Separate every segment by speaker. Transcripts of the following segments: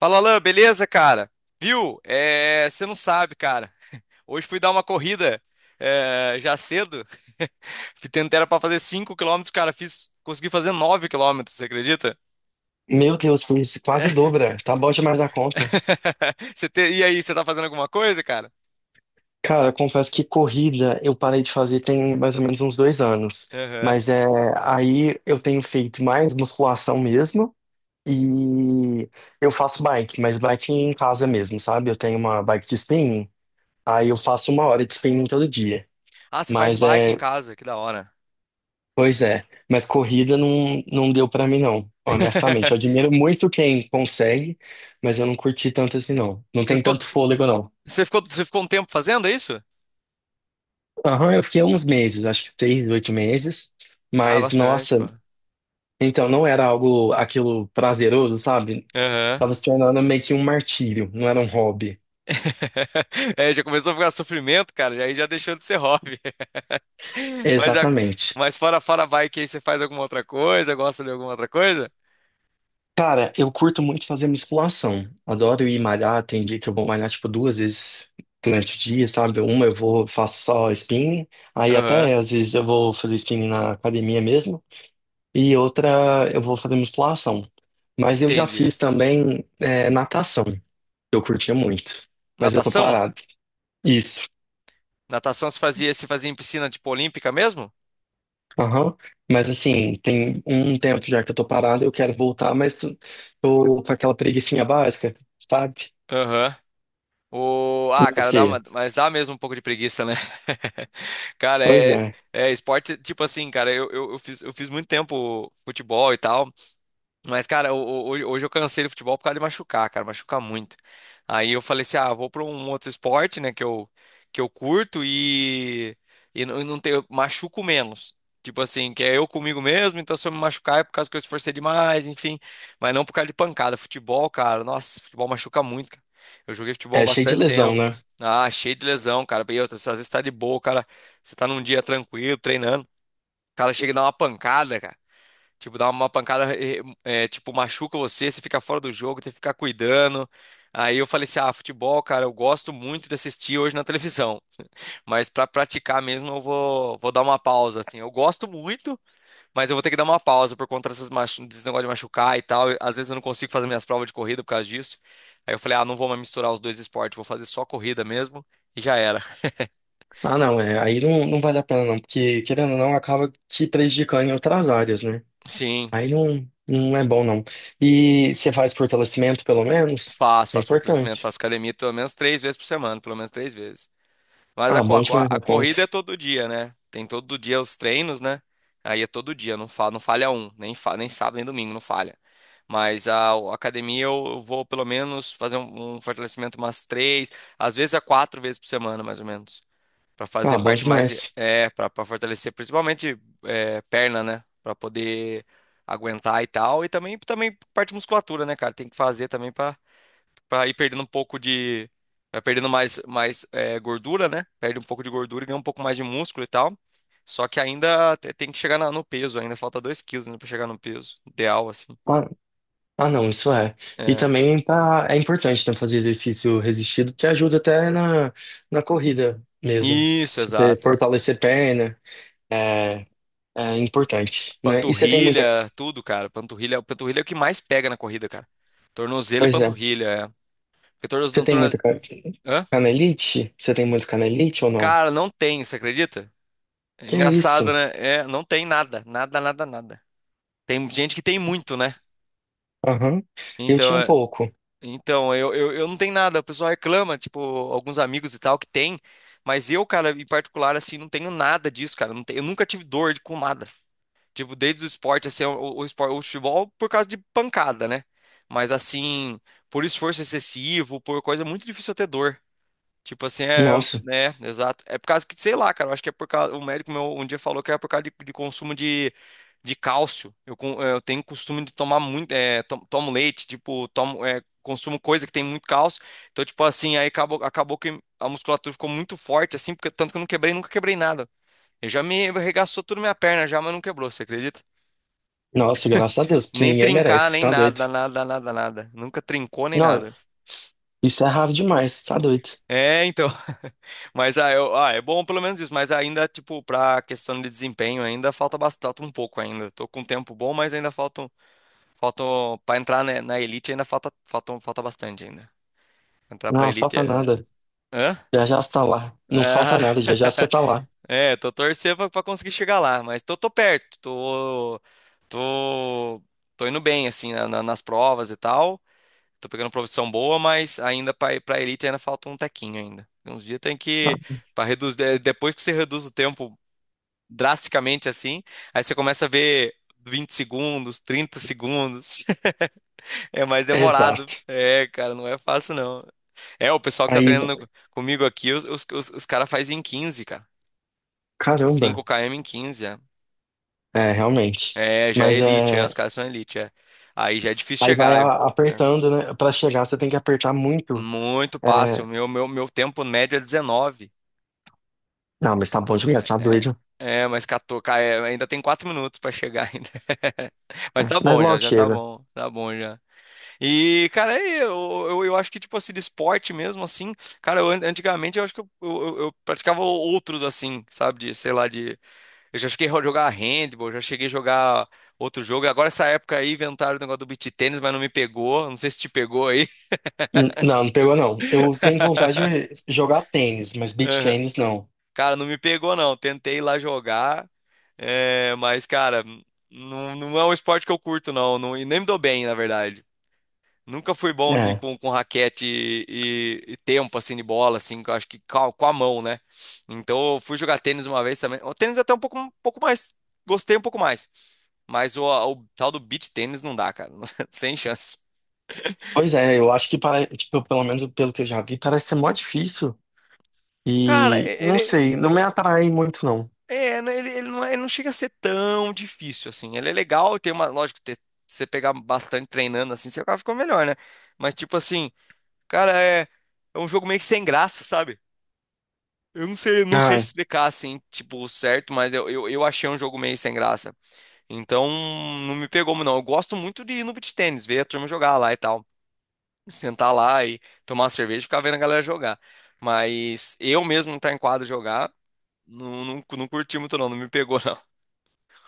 Speaker 1: Fala, Alan, beleza, cara? Viu? Você não sabe, cara. Hoje fui dar uma corrida já cedo. Tentei era para fazer 5 quilômetros, cara, fiz, consegui fazer 9 quilômetros. Você acredita?
Speaker 2: Meu Deus, fiz quase dobra. Tá bom demais da conta.
Speaker 1: E aí, você tá fazendo alguma coisa, cara?
Speaker 2: Cara, confesso que corrida eu parei de fazer tem mais ou menos uns 2 anos.
Speaker 1: Aham.
Speaker 2: Mas é, aí eu tenho feito mais musculação mesmo e eu faço bike, mas bike em casa mesmo, sabe? Eu tenho uma bike de spinning, aí eu faço 1 hora de spinning todo dia.
Speaker 1: Ah, você faz
Speaker 2: Mas
Speaker 1: bike em
Speaker 2: é,
Speaker 1: casa, que da hora.
Speaker 2: pois é, mas corrida não, não deu pra mim não, honestamente. Eu admiro muito quem consegue, mas eu não curti tanto assim não. Não
Speaker 1: Você
Speaker 2: tem
Speaker 1: ficou,
Speaker 2: tanto fôlego não.
Speaker 1: Você ficou um tempo fazendo isso?
Speaker 2: Aham, eu fiquei uns meses, acho que 6, 8 meses.
Speaker 1: Ah,
Speaker 2: Mas,
Speaker 1: bastante, pô.
Speaker 2: nossa, então não era algo, aquilo prazeroso, sabe?
Speaker 1: Aham.
Speaker 2: Tava se tornando meio que um martírio, não era um hobby.
Speaker 1: É, já começou a ficar sofrimento, cara, aí já deixou de ser hobby. Mas, a-
Speaker 2: Exatamente.
Speaker 1: mas fora bike, aí você faz alguma outra coisa, gosta de alguma outra coisa?
Speaker 2: Cara, eu curto muito fazer musculação. Adoro ir malhar. Tem dia que eu vou malhar, tipo, 2 vezes durante o dia, sabe? Uma eu vou, faço só spinning. Aí
Speaker 1: Aham,
Speaker 2: até, às vezes, eu vou fazer spinning na academia mesmo. E outra, eu vou fazer musculação. Mas eu já
Speaker 1: entendi.
Speaker 2: fiz também, natação. Eu curtia muito, mas eu tô
Speaker 1: Natação?
Speaker 2: parado. Isso.
Speaker 1: Natação se fazia em piscina, tipo, olímpica mesmo?
Speaker 2: Aham. Mas assim, tem um tempo já que eu tô parado, eu quero voltar, mas tô com aquela preguicinha básica, sabe?
Speaker 1: Aham.
Speaker 2: E
Speaker 1: Ah, cara,
Speaker 2: você?
Speaker 1: mas dá mesmo um pouco de preguiça, né? Cara,
Speaker 2: Pois é.
Speaker 1: é esporte, tipo assim, cara, eu fiz muito tempo futebol e tal. Mas, cara, hoje eu cansei do futebol por causa de machucar, cara, machucar muito. Aí eu falei assim, ah, vou pra um outro esporte, né, que eu curto e não, não tenho, machuco menos. Tipo assim, que é eu comigo mesmo, então se eu me machucar é por causa que eu esforcei demais, enfim. Mas não por causa de pancada. Futebol, cara, nossa, futebol machuca muito, cara. Eu joguei futebol há
Speaker 2: É cheio de
Speaker 1: bastante
Speaker 2: lesão,
Speaker 1: tempo.
Speaker 2: né?
Speaker 1: Ah, cheio de lesão, cara. E outra, às vezes tá de boa, cara. Você tá num dia tranquilo, treinando. O cara chega e dá uma pancada, cara. Tipo, dá uma pancada, tipo, machuca você, você fica fora do jogo, tem que ficar cuidando. Aí eu falei assim, ah, futebol, cara, eu gosto muito de assistir hoje na televisão, mas pra praticar mesmo vou dar uma pausa, assim. Eu gosto muito, mas eu vou ter que dar uma pausa por conta dessas desse negócio de machucar e tal. Às vezes eu não consigo fazer minhas provas de corrida por causa disso. Aí eu falei, ah, não vou mais misturar os dois esportes, vou fazer só corrida mesmo e já era.
Speaker 2: Ah, não, é. Aí não, não vale a pena, não, porque querendo ou não, acaba te prejudicando em outras áreas, né?
Speaker 1: Sim,
Speaker 2: Aí não, não é bom, não. E você faz fortalecimento, pelo menos? É
Speaker 1: faço fortalecimento,
Speaker 2: importante.
Speaker 1: faço academia pelo menos três vezes por semana, pelo menos três vezes. Mas
Speaker 2: Ah, bom demais,
Speaker 1: a
Speaker 2: meu
Speaker 1: corrida é
Speaker 2: ponto.
Speaker 1: todo dia, né? Tem todo dia os treinos, né? Aí é todo dia, não falha um, nem sábado nem domingo, não falha. Mas a academia eu vou pelo menos fazer um fortalecimento umas três, às vezes a quatro vezes por semana, mais ou menos. Pra fazer
Speaker 2: Ah, bom
Speaker 1: parte mais,
Speaker 2: demais.
Speaker 1: é, pra fortalecer principalmente é, perna, né? Pra poder aguentar e tal. E também, também parte de musculatura, né, cara? Tem que fazer também para ir perdendo um pouco de. Vai perdendo mais é, gordura, né? Perde um pouco de gordura e ganha um pouco mais de músculo e tal. Só que ainda tem que chegar no peso, ainda falta 2 quilos, né, para chegar no peso ideal, assim.
Speaker 2: Ah, Ah, não, isso é. E
Speaker 1: É.
Speaker 2: também tá, é importante né, fazer exercício resistido, que ajuda até na, na corrida mesmo.
Speaker 1: Isso,
Speaker 2: Se você
Speaker 1: exato.
Speaker 2: fortalecer perna, é, é importante, né? E você tem muita.
Speaker 1: Panturrilha, tudo, cara. Panturrilha é o que mais pega na corrida, cara. Tornozelo e
Speaker 2: Pois é.
Speaker 1: panturrilha, é. Porque
Speaker 2: Você tem muita
Speaker 1: Hã?
Speaker 2: canelite? Você tem muito canelite ou não?
Speaker 1: Cara, não tem, você acredita? É
Speaker 2: Que
Speaker 1: engraçado,
Speaker 2: isso?
Speaker 1: né? É, não tem nada, nada, nada, nada. Tem gente que tem muito, né?
Speaker 2: Aham. Eu
Speaker 1: Então,
Speaker 2: tinha um pouco.
Speaker 1: então, eu não tenho nada, o pessoal reclama, tipo, alguns amigos e tal que tem, mas eu, cara, em particular, assim, não tenho nada disso, cara, eu nunca tive dor de pomada, tipo, desde o esporte, assim, esporte, o futebol por causa de pancada, né, mas assim, por esforço excessivo, por coisa, é muito difícil eu ter dor. Tipo assim, é,
Speaker 2: Nossa,
Speaker 1: né, exato. É por causa que, sei lá, cara, eu acho que é por causa, o médico meu um dia falou que é por causa de consumo de cálcio. Eu tenho costume de tomar muito, é, tomo leite, tipo, tomo, é, consumo coisa que tem muito cálcio. Então, tipo assim, aí acabou que a musculatura ficou muito forte, assim, porque tanto que eu não quebrei, nunca quebrei nada. Eu já me arregaçou tudo minha perna já, mas não quebrou, você acredita?
Speaker 2: nossa, graças a Deus, porque
Speaker 1: Nem
Speaker 2: ninguém
Speaker 1: trincar,
Speaker 2: merece,
Speaker 1: nem
Speaker 2: tá doido?
Speaker 1: nada, nada, nada, nada. Nunca trincou nem
Speaker 2: Não,
Speaker 1: nada.
Speaker 2: isso é raro demais, tá doido?
Speaker 1: É, então. Mas ah, eu, ah, é bom pelo menos isso, mas ainda, tipo, pra questão de desempenho, ainda falta bastante um pouco ainda. Tô com um tempo bom, mas ainda faltam para entrar na elite ainda falta bastante ainda. Entrar pra
Speaker 2: Não,
Speaker 1: elite
Speaker 2: falta
Speaker 1: é...
Speaker 2: nada.
Speaker 1: Hã?
Speaker 2: Já já você tá lá. Não falta
Speaker 1: Ah,
Speaker 2: nada, já já você tá lá.
Speaker 1: é, tô torcendo pra conseguir chegar lá, mas tô perto, tô, tô indo bem, assim, nas provas e tal. Tô pegando profissão boa, mas ainda pra elite ainda falta um tequinho ainda. Tem uns dias tem
Speaker 2: Ah,
Speaker 1: que. Pra reduzir, depois que você reduz o tempo drasticamente assim, aí você começa a ver 20 segundos, 30 segundos. É mais demorado.
Speaker 2: exato.
Speaker 1: É, cara, não é fácil não. É, o pessoal que tá
Speaker 2: Aí,
Speaker 1: treinando comigo aqui, os caras fazem em 15 cara. Cinco
Speaker 2: caramba,
Speaker 1: km em 15 é.
Speaker 2: é, realmente.
Speaker 1: É, já é
Speaker 2: Mas
Speaker 1: elite, é, os
Speaker 2: é,
Speaker 1: caras são elite, é. Aí já é difícil
Speaker 2: aí vai
Speaker 1: chegar, é.
Speaker 2: apertando, né? Pra chegar, você tem que apertar muito.
Speaker 1: Muito fácil.
Speaker 2: É,
Speaker 1: Meu tempo médio é 19.
Speaker 2: não, mas tá bom demais, tá
Speaker 1: É,
Speaker 2: doido.
Speaker 1: mas é, ainda tem quatro minutos pra chegar ainda.
Speaker 2: É,
Speaker 1: Mas tá
Speaker 2: mas
Speaker 1: bom já,
Speaker 2: logo
Speaker 1: já
Speaker 2: chega.
Speaker 1: tá bom já. E, cara, é, eu acho que, tipo assim, de esporte mesmo, assim, cara, antigamente eu acho que eu praticava outros, assim, sabe, de, sei lá, de... Eu já cheguei a jogar handball, já cheguei a jogar outro jogo. Agora, essa época aí, inventaram o negócio do beach tênis, mas não me pegou, não sei se te pegou aí.
Speaker 2: Não, não pegou não. Eu tenho vontade de jogar tênis, mas beach
Speaker 1: Aham.
Speaker 2: tênis não.
Speaker 1: Cara, não me pegou, não. Tentei ir lá jogar. É, mas, cara, não, não é um esporte que eu curto, não, não. E nem me dou bem, na verdade. Nunca fui bom de,
Speaker 2: É.
Speaker 1: com raquete e tempo, assim, de bola, assim, que eu acho que com com a mão, né? Então, eu fui jogar tênis uma vez também. O tênis Até um pouco mais. Gostei um pouco mais. Mas o tal do beach tênis não dá, cara. Sem chance.
Speaker 2: Pois é, eu acho que para, tipo, pelo menos pelo que eu já vi, parece ser mó difícil.
Speaker 1: Cara,
Speaker 2: E não
Speaker 1: ele,
Speaker 2: sei, não me atrai muito não.
Speaker 1: é, ele não, ele não chega a ser tão difícil, assim. Ele é legal, tem uma. Lógico, ter, você pegar bastante treinando, assim, você acaba ficando melhor, né? Mas, tipo assim. Cara, é, é um jogo meio que sem graça, sabe? Eu não sei, não sei
Speaker 2: Ah,
Speaker 1: explicar assim, tipo, certo, mas eu achei um jogo meio sem graça. Então, não me pegou, muito, não. Eu gosto muito de ir no beach tennis, ver a turma jogar lá e tal. Sentar lá e tomar uma cerveja e ficar vendo a galera jogar. Mas eu mesmo não tá em quadra jogar, não, não, não curti muito, não. Não me pegou, não.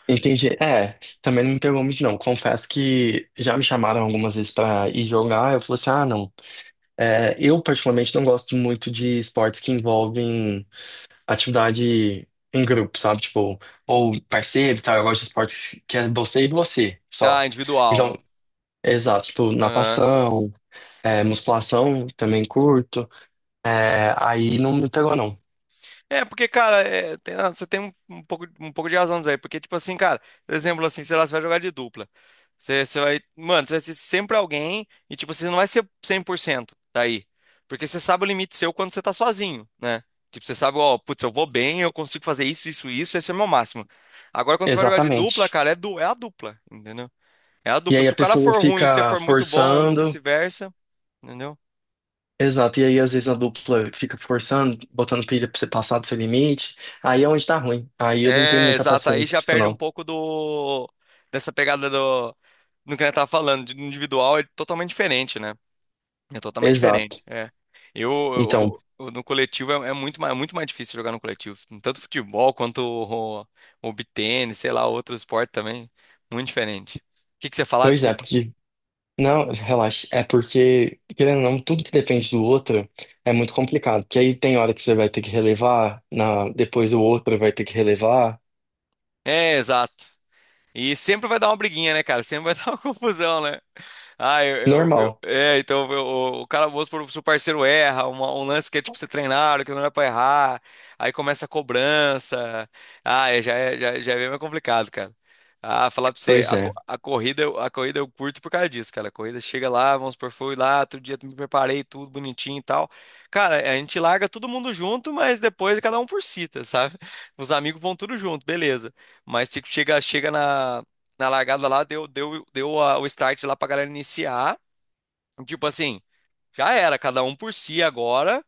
Speaker 2: entendi. É, também não me pegou muito, não. Confesso que já me chamaram algumas vezes pra ir jogar. Eu falei assim: ah, não. É, eu, particularmente, não gosto muito de esportes que envolvem atividade em grupo, sabe? Tipo, ou parceiro e tal. Eu gosto de esportes que é você e você
Speaker 1: Ah,
Speaker 2: só.
Speaker 1: individual.
Speaker 2: Então, exato. Tipo,
Speaker 1: Aham.
Speaker 2: natação, é, musculação, também curto. É, aí não me pegou, não.
Speaker 1: É, porque, cara, é, ah, você tem um, um pouco de razão disso aí. Porque, tipo assim, cara, por exemplo, assim, sei lá, você vai jogar de dupla. Você vai. Mano, você vai ser sempre alguém e, tipo, você não vai ser 100% daí. Porque você sabe o limite seu quando você tá sozinho, né? Tipo, você sabe, ó, putz, eu vou bem, eu consigo fazer isso, isso, isso, esse é o meu máximo. Agora, quando você vai jogar de dupla,
Speaker 2: Exatamente.
Speaker 1: cara, é, du é a dupla, entendeu? É a
Speaker 2: E
Speaker 1: dupla.
Speaker 2: aí
Speaker 1: Se
Speaker 2: a
Speaker 1: o cara
Speaker 2: pessoa
Speaker 1: for ruim e você
Speaker 2: fica
Speaker 1: for muito bom, ou
Speaker 2: forçando.
Speaker 1: vice-versa, entendeu?
Speaker 2: Exato, e aí às vezes a dupla fica forçando, botando pilha pra você passar do seu limite, aí é onde tá ruim. Aí eu não tenho
Speaker 1: É,
Speaker 2: muita
Speaker 1: exato. Aí
Speaker 2: paciência
Speaker 1: já
Speaker 2: pra isso,
Speaker 1: perde um
Speaker 2: não.
Speaker 1: pouco do dessa pegada do que a gente tava falando, de individual é totalmente diferente, né? É totalmente
Speaker 2: Exato.
Speaker 1: diferente. É.
Speaker 2: Então,
Speaker 1: No coletivo é, é muito mais difícil jogar no coletivo, tanto futebol quanto beat tênis, sei lá, outro esporte também, muito diferente. O que que você ia falar?
Speaker 2: pois é,
Speaker 1: Desculpa.
Speaker 2: porque. Não, relaxa. É porque, querendo ou não, tudo que depende do outro é muito complicado. Porque aí tem hora que você vai ter que relevar, na... depois o outro vai ter que relevar.
Speaker 1: É, exato. E sempre vai dar uma briguinha, né, cara? Sempre vai dar uma confusão, né? Ah,
Speaker 2: Normal.
Speaker 1: é, então eu- o cara, vamos supor, se o parceiro erra, um lance que é tipo você treinar, que não era pra errar, aí começa a cobrança. Ah, é, já, já é bem mais complicado, cara. Ah, falar pra você,
Speaker 2: Pois é.
Speaker 1: a corrida, a corrida eu curto por causa disso, cara. A corrida chega lá, vamos supor, fui lá, outro dia me preparei, tudo bonitinho e tal. Cara, a gente larga todo mundo junto, mas depois cada um por si, tá, sabe? Os amigos vão tudo junto, beleza. Mas tipo, chega na largada lá, deu o start lá pra galera iniciar. Tipo assim, já era, cada um por si agora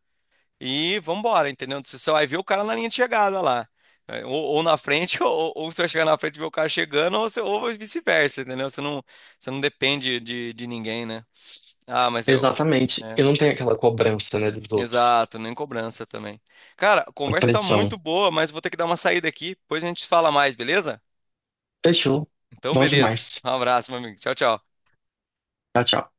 Speaker 1: e vambora, entendeu? Você só vai ver o cara na linha de chegada lá. É, ou na frente, ou você vai chegar na frente e ver o cara chegando, ou vice-versa, entendeu? Você não depende de ninguém, né? Ah, mas eu.
Speaker 2: Exatamente.
Speaker 1: Né?
Speaker 2: Eu não tenho aquela cobrança, né, dos outros.
Speaker 1: Exato, nem cobrança também. Cara, a
Speaker 2: A
Speaker 1: conversa tá
Speaker 2: pressão.
Speaker 1: muito boa, mas vou ter que dar uma saída aqui, depois a gente fala mais, beleza?
Speaker 2: Fechou.
Speaker 1: Então,
Speaker 2: Bom
Speaker 1: beleza.
Speaker 2: demais.
Speaker 1: Um abraço, meu amigo. Tchau, tchau.
Speaker 2: Tchau, tchau.